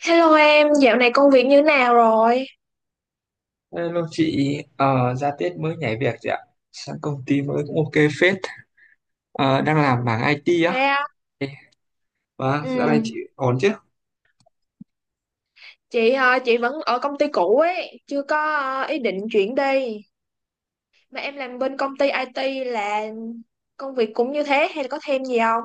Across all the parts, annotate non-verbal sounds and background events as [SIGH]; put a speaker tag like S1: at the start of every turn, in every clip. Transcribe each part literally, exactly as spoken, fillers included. S1: Hello em, dạo này công việc như nào rồi?
S2: Hello chị, ờ, ra Tết mới nhảy việc chị ạ. Sang công ty mới cũng ok phết. Ờ, đang làm mảng i tê á.
S1: Sao?
S2: Ê, vâng,
S1: Ừ,
S2: dạo này chị ổn chứ?
S1: chị ờ, chị vẫn ở công ty cũ ấy, chưa có ờ, ý định chuyển đi. Mà em làm bên công ty ai ti là công việc cũng như thế hay là có thêm gì không?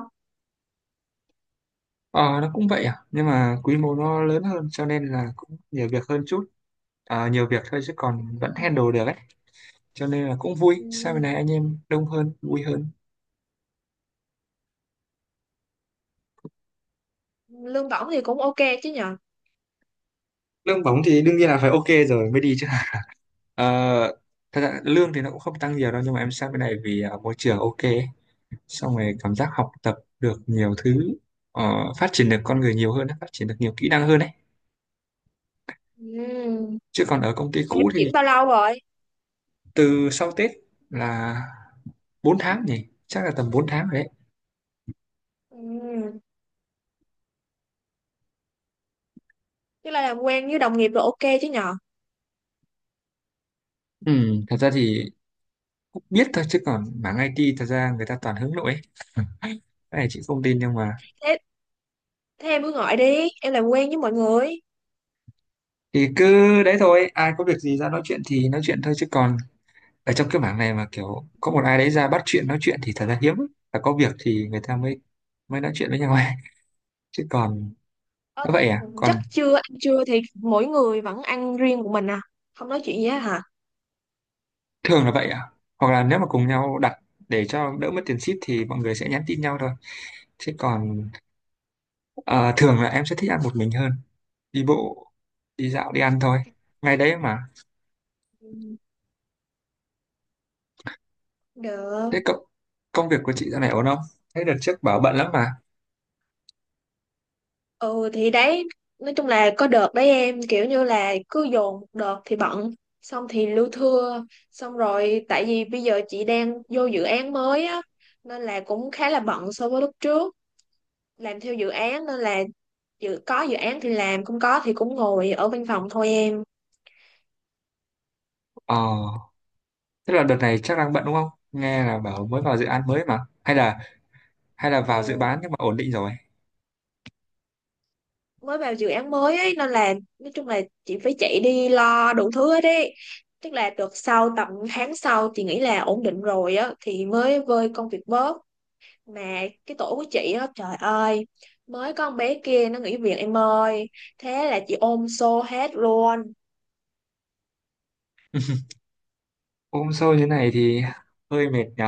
S2: Ờ, nó cũng vậy à, nhưng mà quy mô nó lớn hơn cho nên là cũng nhiều việc hơn chút. Ờ, nhiều việc thôi chứ còn vẫn handle được ấy. Cho nên là cũng
S1: Ừ,
S2: vui. Sau này anh em đông hơn, vui hơn.
S1: lương bổng thì cũng ok chứ nhờ.
S2: Lương bóng thì đương nhiên là phải ok rồi mới đi chứ. Ờ, Thật ra lương thì nó cũng không tăng nhiều đâu, nhưng mà em sang bên này vì ờ, môi trường ok. Xong rồi cảm giác học tập được nhiều thứ, ờ, phát triển được con người nhiều hơn, phát triển được nhiều kỹ năng hơn đấy,
S1: Ừ,
S2: chứ còn ở công ty
S1: mà em
S2: cũ
S1: chuyển
S2: thì
S1: bao lâu rồi?
S2: từ sau Tết là bốn tháng nhỉ, chắc là tầm bốn tháng rồi đấy.
S1: Ừ, tức là làm quen với đồng nghiệp rồi ok chứ nhờ.
S2: Ừ, thật ra thì cũng biết thôi, chứ còn mảng i tê thật ra người ta toàn hướng nội ấy. Cái này chị không tin, nhưng mà
S1: Thế, thế em cứ gọi đi, em làm quen với mọi người.
S2: thì cứ đấy thôi, ai có việc gì ra nói chuyện thì nói chuyện thôi, chứ còn ở trong cái mảng này mà kiểu có một ai đấy ra bắt chuyện nói chuyện thì thật ra hiếm lắm. Và có việc thì người ta mới mới nói chuyện với nhau ấy. Chứ còn
S1: Ờ
S2: nó vậy
S1: thế
S2: à,
S1: chắc
S2: còn
S1: trưa ăn trưa thì mỗi người vẫn ăn riêng của mình à? Không nói chuyện gì hết hả?
S2: thường là vậy ạ. Hoặc là nếu mà cùng nhau đặt để cho đỡ mất tiền ship thì mọi người sẽ nhắn tin nhau thôi, chứ còn ờ, thường là em sẽ thích ăn một mình hơn, đi bộ, đi dạo, đi ăn thôi, ngay đấy mà.
S1: Ừ, được.
S2: Thế cậu, công việc của chị dạo này ổn không? Thế đợt trước bảo bận lắm mà.
S1: Ừ thì đấy, nói chung là có đợt đấy em kiểu như là cứ dồn một đợt thì bận, xong thì lưu thưa, xong rồi tại vì bây giờ chị đang vô dự án mới á nên là cũng khá là bận so với lúc trước, làm theo dự án nên là dự có dự án thì làm, không có thì cũng ngồi ở văn phòng thôi em.
S2: ờ Tức là đợt này chắc đang bận đúng không, nghe là bảo mới vào dự án mới mà, hay là hay là vào dự
S1: Ừ,
S2: bán nhưng mà ổn định rồi?
S1: mới vào dự án mới ấy nên là nói chung là chị phải chạy đi lo đủ thứ hết ấy, tức là được sau tầm tháng sau chị nghĩ là ổn định rồi á thì mới vơi công việc bớt. Mà cái tổ của chị á, trời ơi, mới có con bé kia nó nghỉ việc em ơi, thế là chị ôm xô hết luôn.
S2: Ôm sâu như này thì hơi mệt nhỉ.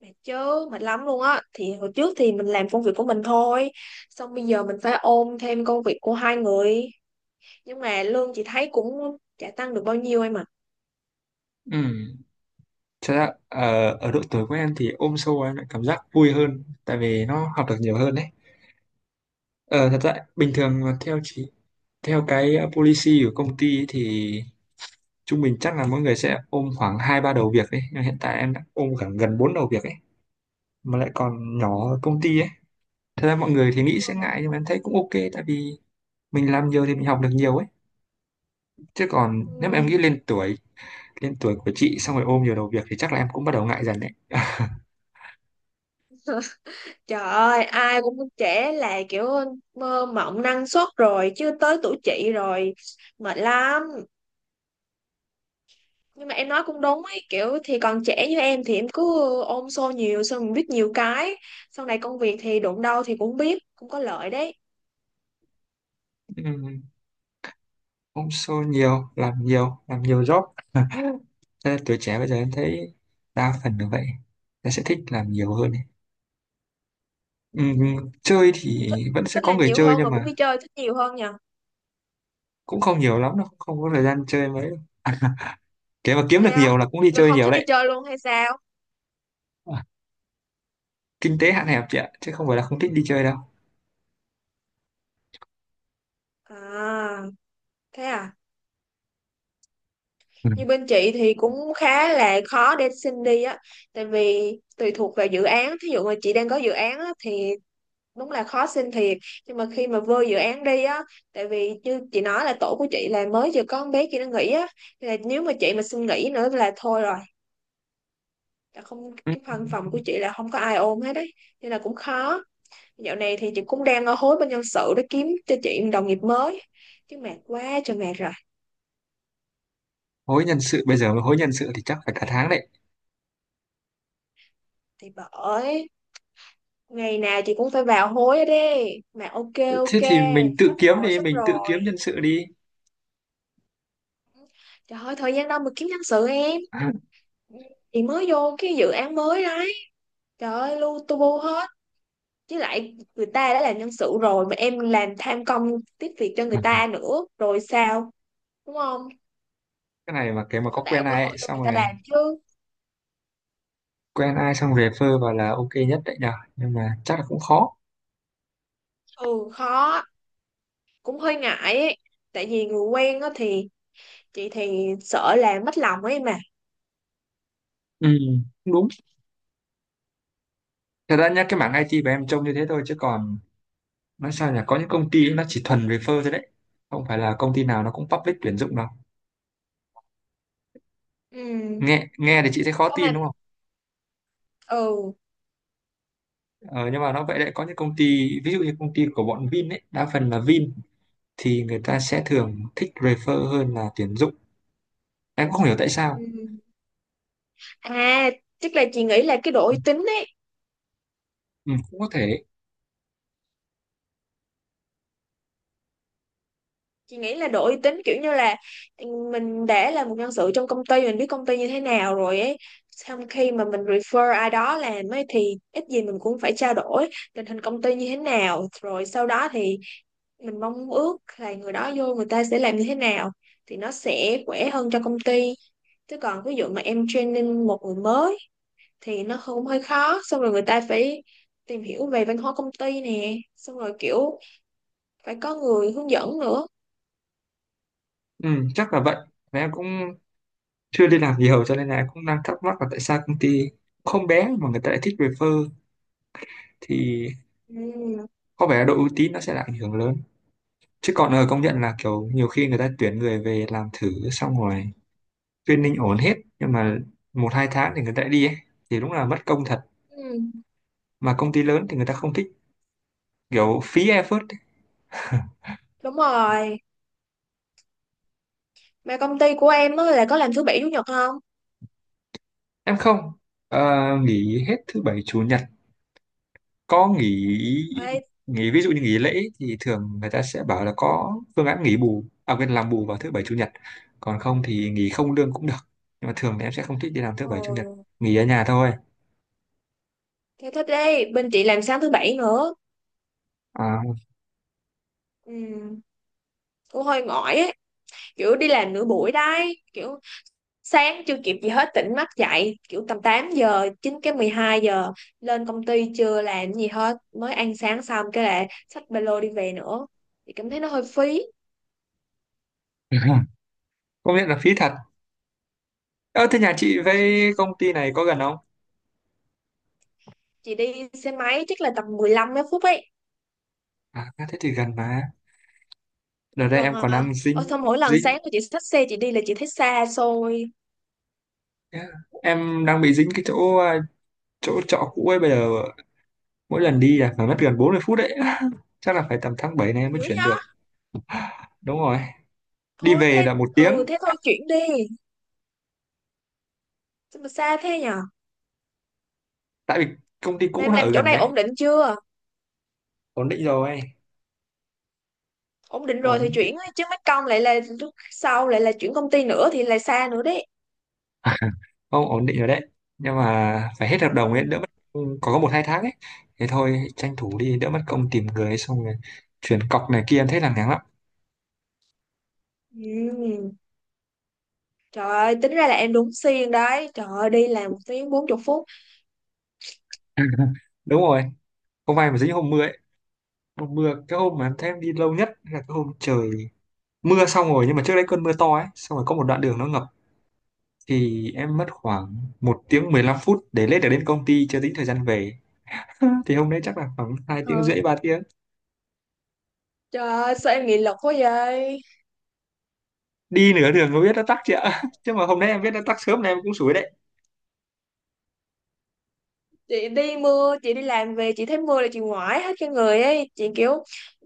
S1: Mệt chứ, mệt lắm luôn á. Thì hồi trước thì mình làm công việc của mình thôi, xong bây giờ mình phải ôm thêm công việc của hai người, nhưng mà lương chị thấy cũng chả tăng được bao nhiêu em ạ.
S2: Ừ, thật ra ờ, ở độ tuổi của em thì ôm sâu em lại cảm giác vui hơn, tại vì nó học được nhiều hơn đấy. Ờ, thật ra bình thường mà theo chỉ theo cái ờ, policy của công ty ấy thì trung bình chắc là mỗi người sẽ ôm khoảng hai ba đầu việc đấy, nhưng hiện tại em đã ôm khoảng gần bốn đầu việc ấy, mà lại còn nhỏ ở công ty ấy. Thật ra mọi người thì nghĩ sẽ ngại nhưng mà em thấy cũng ok, tại vì mình làm nhiều thì mình học được nhiều ấy. Chứ còn
S1: Ừ.
S2: nếu mà em nghĩ lên tuổi lên tuổi của chị xong rồi ôm nhiều đầu việc thì chắc là em cũng bắt đầu ngại dần đấy.
S1: Trời ơi, ai cũng trẻ là kiểu mơ mộng năng suất rồi, chứ tới tuổi chị rồi mệt lắm. Nhưng mà em nói cũng đúng ấy, kiểu thì còn trẻ như em thì em cứ ôm xô nhiều xong mình biết nhiều cái. Sau này công việc thì đụng đâu thì cũng biết, cũng có lợi đấy.
S2: [LAUGHS] Cũng show nhiều, làm nhiều, làm nhiều job. [LAUGHS] Thế là tuổi trẻ bây giờ em thấy đa phần là vậy, em sẽ thích làm nhiều hơn ấy. Ừm, chơi thì
S1: Thích,
S2: vẫn sẽ
S1: thích
S2: có
S1: làm
S2: người
S1: nhiều
S2: chơi
S1: hơn
S2: nhưng
S1: mà
S2: mà
S1: cũng đi chơi thích nhiều hơn nhờ.
S2: cũng không nhiều lắm đâu, không có thời gian chơi mấy đâu. [LAUGHS] À, mà kiếm được
S1: Thế
S2: nhiều
S1: á?
S2: là cũng đi
S1: Được
S2: chơi
S1: không
S2: nhiều
S1: thích đi
S2: đấy.
S1: chơi luôn hay sao?
S2: à, Kinh tế hạn hẹp chị ạ, chứ không phải là không thích đi chơi đâu.
S1: À, thế à.
S2: Ừ.
S1: Như bên chị thì cũng khá là khó để xin đi á, tại vì tùy thuộc vào dự án, thí dụ mà chị đang có dự án á thì đúng là khó xin thiệt, nhưng mà khi mà vô dự án đi á, tại vì như chị nói là tổ của chị là mới vừa có con bé kia nó nghỉ á. Thì là nếu mà chị mà xin nghỉ nữa là thôi rồi, là không,
S2: Ừ,
S1: cái văn phòng của chị là không có ai ôm hết đấy, nên là cũng khó. Dạo này thì chị cũng đang ở hối bên nhân sự để kiếm cho chị một đồng nghiệp mới, chứ mệt quá trời mệt rồi.
S2: hối nhân sự bây giờ mà hối nhân sự thì chắc phải cả tháng đấy.
S1: Thì bởi, ngày nào chị cũng phải vào hối hết đi mà ok,
S2: Thế
S1: ok,
S2: thì mình tự
S1: sắp
S2: kiếm
S1: rồi,
S2: đi,
S1: sắp
S2: mình tự kiếm
S1: rồi.
S2: nhân sự đi.
S1: Trời ơi thời gian đâu mà kiếm nhân sự em,
S2: [LAUGHS]
S1: chị mới vô cái dự án mới đó. Trời ơi, lu tu bu hết. Chứ lại người ta đã là nhân sự rồi mà em làm tham công tiếp việc cho người ta nữa. Rồi sao? Đúng không?
S2: Cái này mà cái mà
S1: Cũng phải
S2: có
S1: tạo
S2: quen
S1: cơ
S2: ai
S1: hội
S2: ấy,
S1: cho
S2: xong
S1: người ta
S2: rồi
S1: làm chứ.
S2: quen ai xong về phơ vào là ok nhất đấy nhờ, nhưng mà chắc là cũng khó.
S1: Ừ, khó. Cũng hơi ngại ấy. Tại vì người quen á thì chị thì sợ làm mất lòng ấy mà.
S2: Ừ, cũng đúng. Thật ra nhá, cái mảng i tê của em trông như thế thôi, chứ còn nói sao nhỉ, có những công ty ấy, nó chỉ thuần về phơ thôi đấy, không phải là công ty nào nó cũng public tuyển dụng đâu.
S1: Ừ.
S2: Nghe nghe thì chị thấy khó
S1: Ô mà,
S2: tin đúng không?
S1: ừ.
S2: ờ, nhưng mà nó vậy đấy, có những công ty ví dụ như công ty của bọn Vin ấy, đa phần là Vin thì người ta sẽ thường thích refer hơn là tuyển dụng, em cũng không hiểu tại sao.
S1: Ừ. À, chắc là chị nghĩ là cái độ uy tín ấy.
S2: Ừ, cũng có thể.
S1: Chị nghĩ là độ uy tín kiểu như là, ừ, mình đã là một nhân sự trong công ty, mình biết công ty như thế nào rồi ấy, xong khi mà mình refer ai đó làm ấy thì ít gì mình cũng phải trao đổi tình hình công ty như thế nào, rồi sau đó thì mình mong ước là người đó vô người ta sẽ làm như thế nào, thì nó sẽ khỏe hơn cho công ty. Chứ còn ví dụ mà em training một người mới thì nó không, hơi khó, xong rồi người ta phải tìm hiểu về văn hóa công ty nè, xong rồi kiểu phải có người hướng dẫn nữa.
S2: Ừ, chắc là vậy. Và em cũng chưa đi làm nhiều cho nên là cũng đang thắc mắc là tại sao công ty không bé mà người ta lại thích refer, thì
S1: Ừ.
S2: có vẻ là độ uy tín nó sẽ là ảnh hưởng lớn. Chứ còn ờ, công nhận là kiểu nhiều khi người ta tuyển người về làm thử xong rồi training ổn hết, nhưng mà một hai tháng thì người ta lại đi ấy. Thì đúng là mất công thật,
S1: Ừ.
S2: mà công ty lớn thì người ta không thích kiểu phí effort ấy.
S1: Đúng rồi, mà công ty của em á là có làm thứ bảy chủ nhật không?
S2: Em không, ờ, nghỉ hết thứ bảy chủ nhật, có nghỉ.
S1: Ê,
S2: Nghỉ ví dụ như nghỉ lễ thì thường người ta sẽ bảo là có phương án nghỉ bù, à quên, làm bù vào thứ bảy chủ nhật, còn không thì nghỉ không lương cũng được, nhưng mà thường thì em sẽ không thích đi làm
S1: ờ,
S2: thứ bảy chủ nhật, nghỉ ở nhà thôi.
S1: thế thích đi, bên chị làm sáng thứ bảy nữa.
S2: à,
S1: Ừ, cũng hơi mỏi ấy, kiểu đi làm nửa buổi đấy, kiểu sáng chưa kịp gì hết tỉnh mắt dậy, kiểu tầm tám giờ, chín cái mười hai giờ lên công ty chưa làm gì hết, mới ăn sáng xong cái là xách ba lô đi về nữa. Chị cảm thấy nó hơi phí.
S2: [LAUGHS] Công nhận là phí thật. Ơ thế nhà chị với công ty này có gần không?
S1: Chị đi xe máy chắc là tầm mười lăm mấy phút ấy.
S2: À thế thì gần mà, đợt đây
S1: Gần
S2: em còn
S1: à.
S2: đang
S1: Ờ,
S2: dính
S1: xong mỗi lần
S2: dính
S1: sáng của chị xách xe chị đi là chị thấy xa xôi
S2: em đang bị dính cái chỗ à, chỗ trọ cũ ấy, bây giờ mỗi lần đi là phải mất gần bốn mươi phút đấy. [LAUGHS] Chắc là phải tầm tháng bảy này em mới
S1: dữ.
S2: chuyển được. Đúng rồi, đi
S1: Thôi
S2: về
S1: thế,
S2: là một
S1: ừ
S2: tiếng.
S1: thế thôi chuyển đi. Sao mà xa thế nhở,
S2: Tại vì công ty
S1: mà
S2: cũ
S1: em
S2: nó
S1: làm
S2: ở
S1: chỗ
S2: gần
S1: này
S2: đấy.
S1: ổn định chưa?
S2: Ổn định rồi.
S1: Ổn định rồi thì
S2: Ổn [LAUGHS] định.
S1: chuyển ấy, chứ mất công lại là lúc sau lại là chuyển công ty nữa thì lại xa nữa đấy.
S2: Không ổn định rồi đấy, nhưng mà phải hết hợp đồng ấy
S1: Ừ.
S2: đỡ mất công, có có một hai tháng ấy. Thế thôi tranh thủ đi đỡ mất công tìm người ấy, xong rồi chuyển cọc này kia em thấy là ngán lắm.
S1: Ừ. Trời ơi tính ra là em đúng xuyên đấy, trời ơi đi làm một tiếng bốn chục phút.
S2: [LAUGHS] Đúng rồi, hôm nay mà dính hôm mưa ấy, hôm mưa cái hôm mà em thấy em đi lâu nhất là cái hôm trời mưa, xong rồi nhưng mà trước đấy cơn mưa to ấy, xong rồi có một đoạn đường nó ngập thì em mất khoảng một tiếng mười lăm phút để lên được đến công ty, chưa tính thời gian về. [LAUGHS] Thì hôm đấy chắc là khoảng hai tiếng
S1: Ờ.
S2: rưỡi ba tiếng
S1: Trời ơi sao em nghị lực quá vậy.
S2: Đi nửa đường mới biết nó tắc chị ạ. [LAUGHS] Chứ mà hôm nay em biết nó tắc sớm này em cũng sủi đấy.
S1: Chị đi mưa, chị đi làm về chị thấy mưa là chị ngoải hết cả người ấy, chị kiểu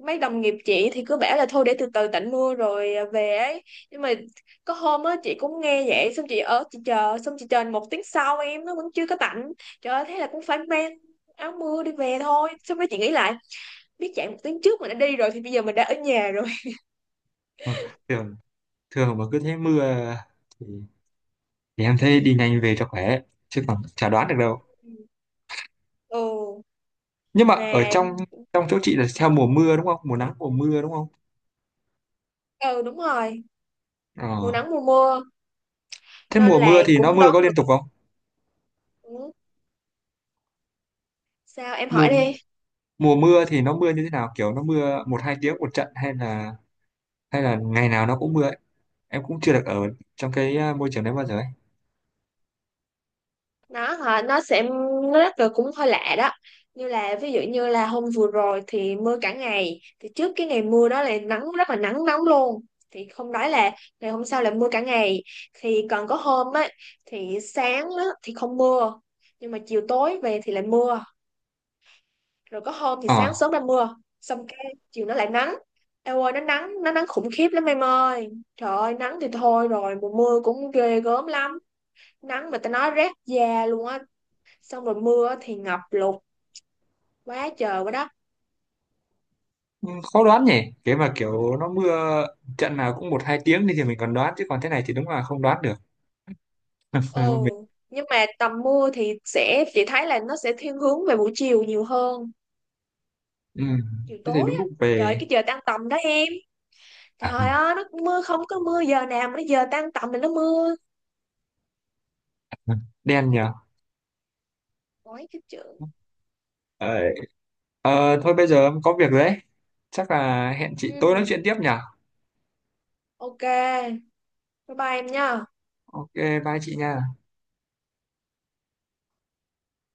S1: mấy đồng nghiệp chị thì cứ bảo là thôi để từ từ tạnh mưa rồi à, về ấy, nhưng mà có hôm á chị cũng nghe vậy, xong chị ở chị chờ, xong chị chờ một tiếng sau em nó vẫn chưa có tạnh. Trời ơi thế là cũng phải mang áo mưa đi về thôi, xong rồi chị nghĩ lại, biết chạy một tiếng trước mình đã đi rồi thì bây giờ mình đã ở nhà rồi.
S2: Mà thường thường mà cứ thấy mưa thì, thì em thấy đi nhanh về cho khỏe, chứ còn chả đoán được đâu.
S1: [LAUGHS] Ừ.
S2: Nhưng mà ở trong
S1: Mà,
S2: trong chỗ chị là theo mùa mưa đúng không, mùa nắng mùa mưa đúng không?
S1: ừ, đúng rồi, mùa
S2: Ờ.
S1: nắng mùa mưa
S2: Thế
S1: nên
S2: mùa
S1: là
S2: mưa thì nó
S1: cũng
S2: mưa có
S1: đoán được.
S2: liên tục không?
S1: Ừ, sao em
S2: Mùa
S1: hỏi đi.
S2: Mùa mưa thì nó mưa như thế nào, kiểu nó mưa một hai tiếng một trận hay là hay là ngày nào nó cũng mưa ấy? Em cũng chưa được ở trong cái à, môi trường đấy bao giờ ấy.
S1: Nó hả, nó sẽ, nó rất là cũng hơi lạ đó. Như là ví dụ như là hôm vừa rồi thì mưa cả ngày, thì trước cái ngày mưa đó là nắng, rất là nắng nóng luôn, thì không nói là ngày hôm sau là mưa cả ngày. Thì còn có hôm á thì sáng á thì không mưa, nhưng mà chiều tối về thì lại mưa. Rồi có hôm thì
S2: Ờ.
S1: sáng sớm ra mưa xong cái chiều nó lại nắng. Eo ơi nó nắng, nó nắng khủng khiếp lắm em ơi. Trời ơi nắng thì thôi rồi, mùa mưa cũng ghê gớm lắm. Nắng mà tao nói rát da luôn á, xong rồi mưa thì ngập lụt quá trời quá đất.
S2: Ừ, khó đoán nhỉ, cái mà kiểu nó mưa trận nào cũng một hai tiếng đi thì mình còn đoán, chứ còn thế này thì đúng là không đoán được. [LAUGHS] Ờ,
S1: Ừ.
S2: mình,
S1: Nhưng mà tầm mưa thì sẽ, chị thấy là nó sẽ thiên hướng về buổi chiều nhiều hơn,
S2: ừ,
S1: chiều
S2: thế thì
S1: tối
S2: đúng
S1: á.
S2: lúc
S1: Trời ơi,
S2: về.
S1: cái giờ tan tầm đó em, trời
S2: [LAUGHS]
S1: ơi nó mưa không có mưa giờ nào, mà nó giờ tan tầm thì nó mưa.
S2: Đen nhờ.
S1: Ôi cái chữ,
S2: ờ, ờ, Thôi bây giờ em có việc rồi đấy, chắc là hẹn chị
S1: ừ,
S2: tối nói chuyện tiếp nhở.
S1: ok, bye bye em nha.
S2: Ok, bye chị nha.